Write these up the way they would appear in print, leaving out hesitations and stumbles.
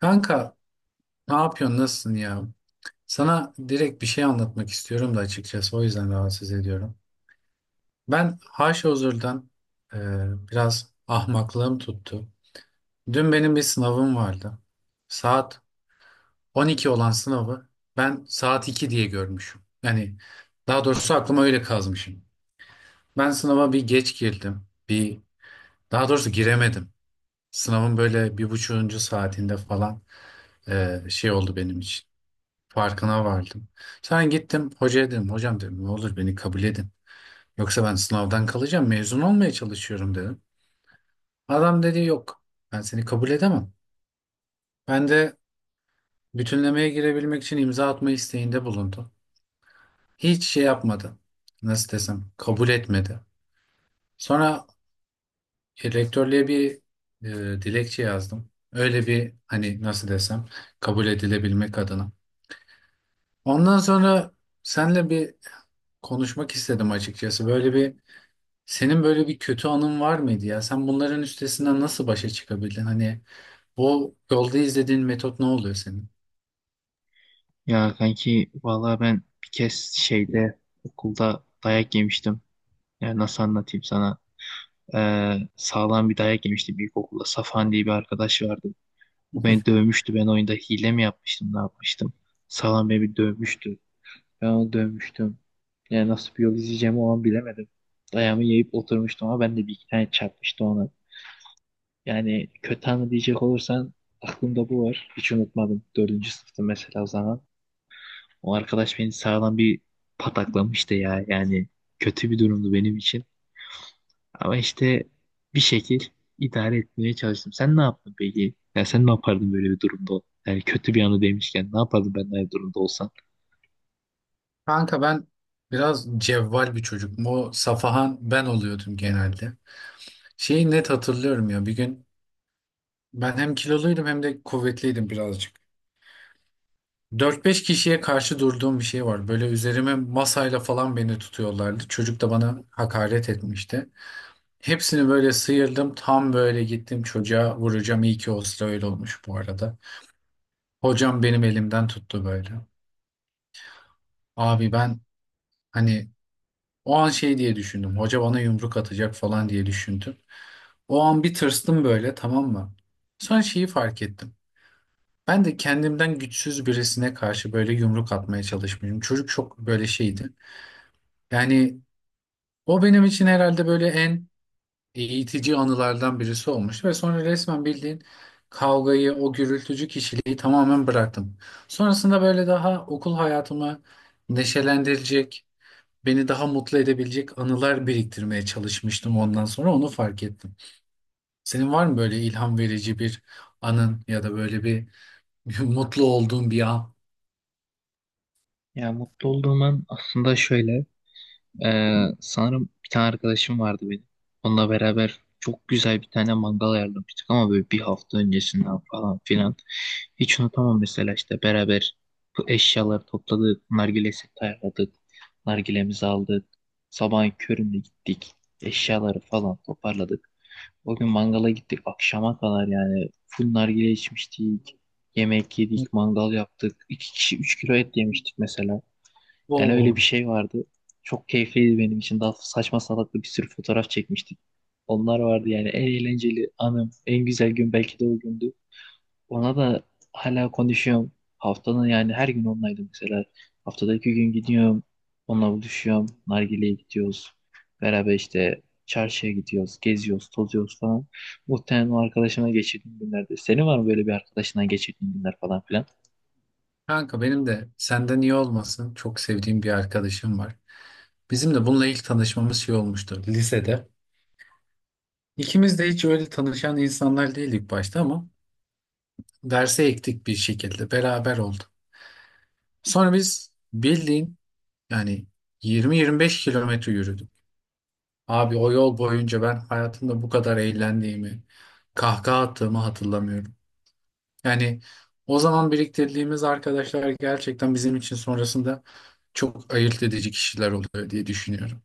Kanka, ne yapıyorsun? Nasılsın ya? Sana direkt bir şey anlatmak istiyorum da açıkçası o yüzden rahatsız ediyorum. Ben Haşhozur'dan e, biraz ahmaklığım tuttu. Dün benim bir sınavım vardı. Saat 12 olan sınavı ben saat 2 diye görmüşüm. Yani daha doğrusu aklıma öyle kazmışım. Ben sınava bir geç girdim. Bir Daha doğrusu giremedim. Sınavın böyle bir buçuğuncu saatinde falan şey oldu benim için. Farkına vardım. Sen gittim hocaya dedim hocam dedim ne olur beni kabul edin. Yoksa ben sınavdan kalacağım, mezun olmaya çalışıyorum dedim. Adam dedi yok, ben seni kabul edemem. Ben de bütünlemeye girebilmek için imza atma isteğinde bulundu. Hiç şey yapmadı. Nasıl desem, kabul etmedi. Sonra rektörlüğe bir dilekçe yazdım. Öyle bir, hani nasıl desem, kabul edilebilmek adına. Ondan sonra senle bir konuşmak istedim açıkçası. Böyle bir Senin böyle bir kötü anın var mıydı ya? Sen bunların üstesinden nasıl başa çıkabildin? Hani bu yolda izlediğin metot ne oluyor senin? Ya kanki vallahi ben bir kez şeyde okulda dayak yemiştim. Ya nasıl anlatayım sana? Sağlam bir dayak yemiştim ilkokulda. Safan diye bir arkadaş vardı. O beni dövmüştü. Ben oyunda hile mi yapmıştım, ne yapmıştım? Sağlam beni bir dövmüştü. Ben onu dövmüştüm. Yani nasıl bir yol izleyeceğimi o an bilemedim. Dayağımı yiyip oturmuştum ama ben de bir iki tane çarpmıştı ona. Yani kötü anı diyecek olursan aklımda bu var. Hiç unutmadım. Dördüncü sınıftı mesela o zaman. O arkadaş beni sağlam bir pataklamıştı ya. Yani kötü bir durumdu benim için. Ama işte bir şekil idare etmeye çalıştım. Sen ne yaptın peki? Ya sen ne yapardın böyle bir durumda? Yani kötü bir anı demişken ne yapardın ben de aynı durumda olsam? Kanka, ben biraz cevval bir çocuk. O Safahan ben oluyordum genelde. Şeyi net hatırlıyorum, ya bir gün ben hem kiloluydum hem de kuvvetliydim birazcık. Dört beş kişiye karşı durduğum bir şey var. Böyle üzerime masayla falan beni tutuyorlardı. Çocuk da bana hakaret etmişti. Hepsini böyle sıyırdım. Tam böyle gittim çocuğa vuracağım. İyi ki o sıra öyle olmuş bu arada. Hocam benim elimden tuttu böyle. Abi ben, hani, o an şey diye düşündüm. Hoca bana yumruk atacak falan diye düşündüm. O an bir tırstım böyle, tamam mı? Sonra şeyi fark ettim. Ben de kendimden güçsüz birisine karşı böyle yumruk atmaya çalışmışım. Çocuk çok böyle şeydi. Yani o benim için herhalde böyle en eğitici anılardan birisi olmuştu. Ve sonra resmen bildiğin kavgayı, o gürültücü kişiliği tamamen bıraktım. Sonrasında böyle daha okul hayatımı neşelendirecek, beni daha mutlu edebilecek anılar biriktirmeye çalışmıştım, ondan sonra onu fark ettim. Senin var mı böyle ilham verici bir anın ya da böyle bir mutlu olduğun bir an? Ya mutlu olduğum an aslında şöyle. Sanırım bir tane arkadaşım vardı benim. Onunla beraber çok güzel bir tane mangal ayarlamıştık ama böyle bir hafta öncesinden falan filan. Hiç unutamam mesela işte beraber bu eşyaları topladık, nargile seti ayarladık, nargilemizi aldık. Sabahın köründe gittik, eşyaları falan toparladık. O gün mangala gittik akşama kadar yani full nargile içmiştik, yemek yedik, mangal yaptık. İki kişi 3 kilo et yemiştik mesela. Yani öyle Oo, bir şey vardı. Çok keyifliydi benim için. Daha saçma salaklı bir sürü fotoğraf çekmiştik. Onlar vardı yani en eğlenceli anım, en güzel gün belki de o gündü. Ona da hala konuşuyorum. Haftanın yani her gün onlaydım mesela. Haftada 2 gün gidiyorum. Onunla buluşuyorum. Nargile'ye gidiyoruz. Beraber işte çarşıya gidiyoruz. Geziyoruz, tozuyoruz falan. Muhtemelen o arkadaşımla geçirdiğim günlerde. Senin var mı böyle bir arkadaşından geçirdiğin günler falan filan? kanka, benim de senden iyi olmasın, çok sevdiğim bir arkadaşım var. Bizim de bununla ilk tanışmamız şey olmuştu, lisede. İkimiz de hiç öyle tanışan insanlar değildik başta ama derse ektik bir şekilde beraber oldu. Sonra biz bildiğin, yani 20-25 kilometre yürüdük. Abi o yol boyunca ben hayatımda bu kadar eğlendiğimi, kahkaha attığımı hatırlamıyorum. Yani o zaman biriktirdiğimiz arkadaşlar gerçekten bizim için sonrasında çok ayırt edici kişiler oluyor diye düşünüyorum.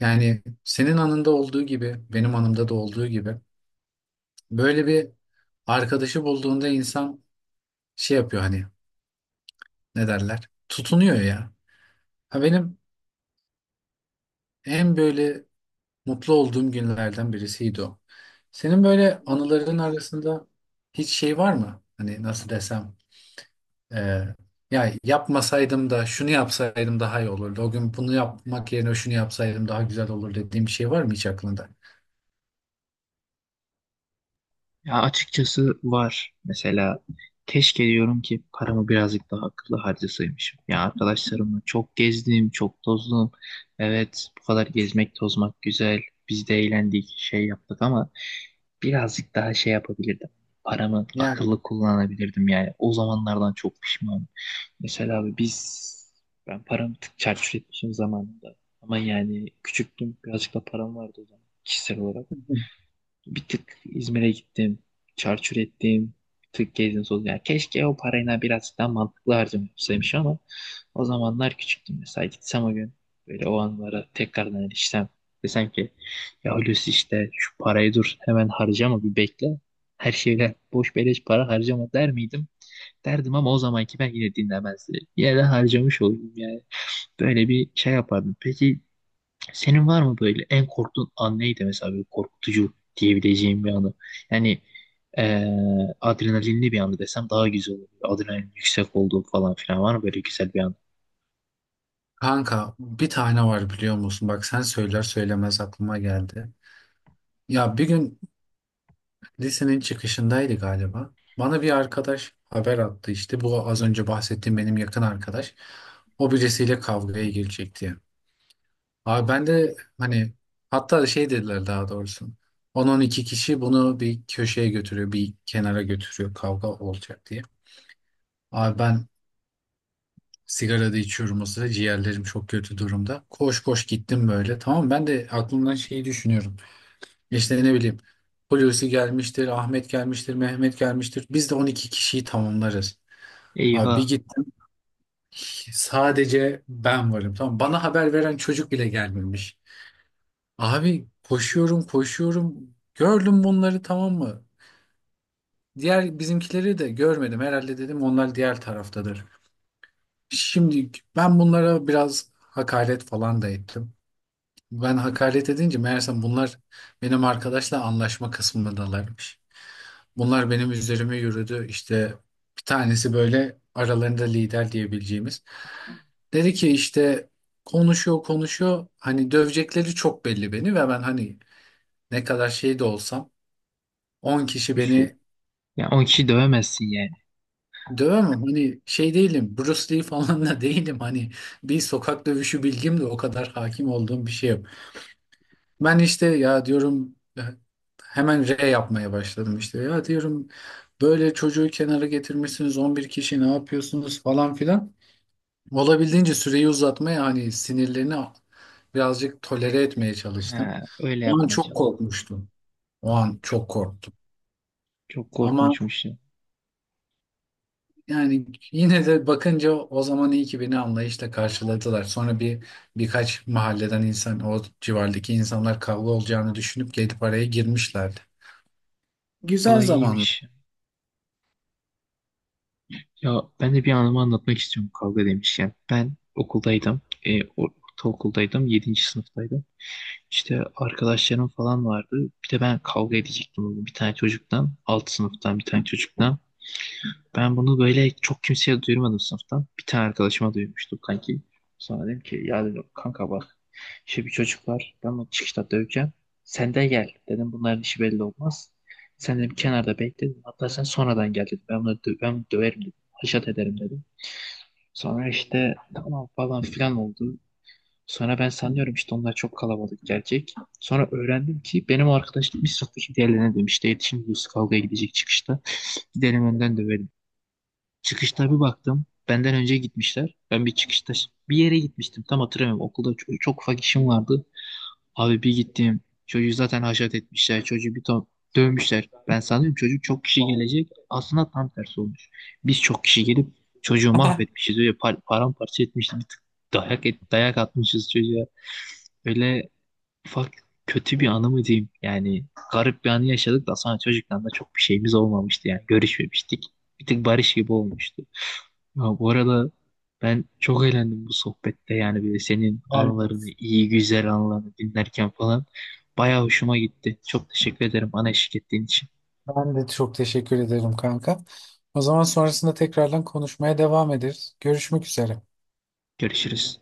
Yani senin anında olduğu gibi, benim anımda da olduğu gibi böyle bir arkadaşı bulduğunda insan şey yapıyor, hani ne derler? Tutunuyor ya. Ha, benim en böyle mutlu olduğum günlerden birisiydi o. Senin böyle anıların arasında hiç şey var mı? Hani nasıl desem, e, ya yapmasaydım da şunu yapsaydım daha iyi olurdu, o gün bunu yapmak yerine şunu yapsaydım daha güzel olur dediğim bir şey var mı hiç aklında? Ya açıkçası var. Mesela keşke diyorum ki paramı birazcık daha akıllı harcasaymışım. Ya arkadaşlarımla çok gezdim, çok tozdum. Evet, bu kadar gezmek, tozmak güzel. Biz de eğlendik, şey yaptık ama birazcık daha şey yapabilirdim. Paramı Yani akıllı kullanabilirdim yani. O zamanlardan çok pişmanım. Mesela abi biz ben paramı tık çarçur etmişim zamanında. Ama yani küçüktüm, birazcık da param vardı o zaman kişisel olarak. Bir tık İzmir'e gittim. Çarçur ettim. Bir tık gezdim tozdum. Yani keşke o parayla biraz daha mantıklı harcamışsaymış ama o zamanlar küçüktüm. Mesela gitsem o gün böyle o anlara tekrardan erişsem desem ki ya Hulusi işte şu parayı dur hemen harcama bir bekle. Her şeyler boş beleş para harcama der miydim? Derdim ama o zamanki ben yine dinlemezdi. Yine de harcamış oldum yani. Böyle bir şey yapardım. Peki senin var mı böyle en korktuğun an neydi mesela böyle korkutucu diyebileceğim bir anı? Yani adrenalinli bir anı desem daha güzel olur. Adrenalin yüksek olduğu falan filan var mı böyle güzel bir anı? kanka, bir tane var, biliyor musun? Bak, sen söyler söylemez aklıma geldi. Ya bir gün lisenin çıkışındaydı galiba. Bana bir arkadaş haber attı işte. Bu az önce bahsettiğim benim yakın arkadaş. O birisiyle kavgaya girecek diye. Abi ben de hani, hatta şey dediler daha doğrusu. On-on iki kişi bunu bir köşeye götürüyor, bir kenara götürüyor, kavga olacak diye. Abi ben sigara da içiyorum o sıra, ciğerlerim çok kötü durumda. Koş koş gittim böyle, tamam mı? Ben de aklımdan şeyi düşünüyorum. İşte ne bileyim, Hulusi gelmiştir, Ahmet gelmiştir, Mehmet gelmiştir. Biz de 12 kişiyi tamamlarız. Abi bir Eyvah gittim, sadece ben varım. Tamam, bana haber veren çocuk bile gelmemiş. Abi koşuyorum koşuyorum. Gördüm bunları, tamam mı? Diğer bizimkileri de görmedim. Herhalde dedim onlar diğer taraftadır. Şimdi ben bunlara biraz hakaret falan da ettim. Ben hakaret edince meğersem bunlar benim arkadaşla anlaşma kısmındalarmış. Bunlar benim üzerime yürüdü. İşte bir tanesi böyle aralarında lider diyebileceğimiz. Dedi ki işte, konuşuyor konuşuyor. Hani dövecekleri çok belli beni ve ben, hani, ne kadar şey de olsam 10 kişi güçlü. beni Yani 10 kişi dövemezsin yani. dövemem. Hani şey değilim, Bruce Lee falan da değilim. Hani bir sokak dövüşü bilgim de o kadar hakim olduğum bir şey yok. Ben işte ya diyorum hemen R yapmaya başladım işte. Ya diyorum böyle çocuğu kenara getirmişsiniz, 11 kişi ne yapıyorsunuz falan filan. Olabildiğince süreyi uzatmaya, hani sinirlerini birazcık tolere etmeye çalıştım. Ha, öyle O an yapmaya çok çalıştım. korkmuştum. O an Çok çok korktum. çok Ama korkunçmuş ya. yani yine de bakınca o zaman iyi ki beni anlayışla karşıladılar. Sonra birkaç mahalleden insan, o civardaki insanlar kavga olacağını düşünüp gelip araya girmişlerdi. Güzel Olay zamanlar. iyiymiş. Ya ben de bir anımı anlatmak istiyorum kavga demişken. Ben okuldaydım. Ortaokuldaydım. Yedinci sınıftaydım. İşte arkadaşlarım falan vardı. Bir de ben kavga edecektim bugün bir tane çocuktan. Alt sınıftan bir tane çocuktan. Ben bunu böyle çok kimseye duyurmadım sınıftan. Bir tane arkadaşıma duymuştum kanki. Sonra dedim ki ya dedim, kanka bak işte bir çocuk var. Ben onu çıkışta döveceğim. Sen de gel. Dedim bunların işi belli olmaz. Sen dedim kenarda bekle. Dedim. Hatta sen sonradan gel dedim. Ben bunu dö ben bunu döverim dedim. Haşat ederim dedim. Sonra işte tamam falan filan oldu. Sonra ben sanıyorum işte onlar çok kalabalık gelecek. Sonra öğrendim ki benim arkadaş gitmiş sınıftaki diğerlerine demiş. "Dayı, şimdi Yusuf kavgaya gidecek çıkışta. Gidelim önden dövelim. Çıkışta bir baktım. Benden önce gitmişler. Ben bir çıkışta bir yere gitmiştim. Tam hatırlamıyorum. Okulda çok, çok ufak işim vardı. Abi bir gittim. Çocuğu zaten haşat etmişler. Çocuğu bir ton dövmüşler. Ben sanıyorum çocuk çok kişi gelecek. Aslında tam tersi olmuş. Biz çok kişi gelip çocuğu mahvetmişiz. Öyle paramparça etmişiz. Bir tık dayak atmışız çocuğa. Öyle ufak kötü bir anı mı diyeyim? Yani garip bir anı yaşadık da sonra çocuktan da çok bir şeyimiz olmamıştı yani görüşmemiştik. Bir tık barış gibi olmuştu. Ya bu arada ben çok eğlendim bu sohbette yani böyle senin Ben de, anılarını, iyi güzel anılarını dinlerken falan. Bayağı hoşuma gitti. Çok teşekkür ederim bana eşlik ettiğin için. ben de çok teşekkür ederim kanka. O zaman sonrasında tekrardan konuşmaya devam ederiz. Görüşmek üzere. Görüşürüz.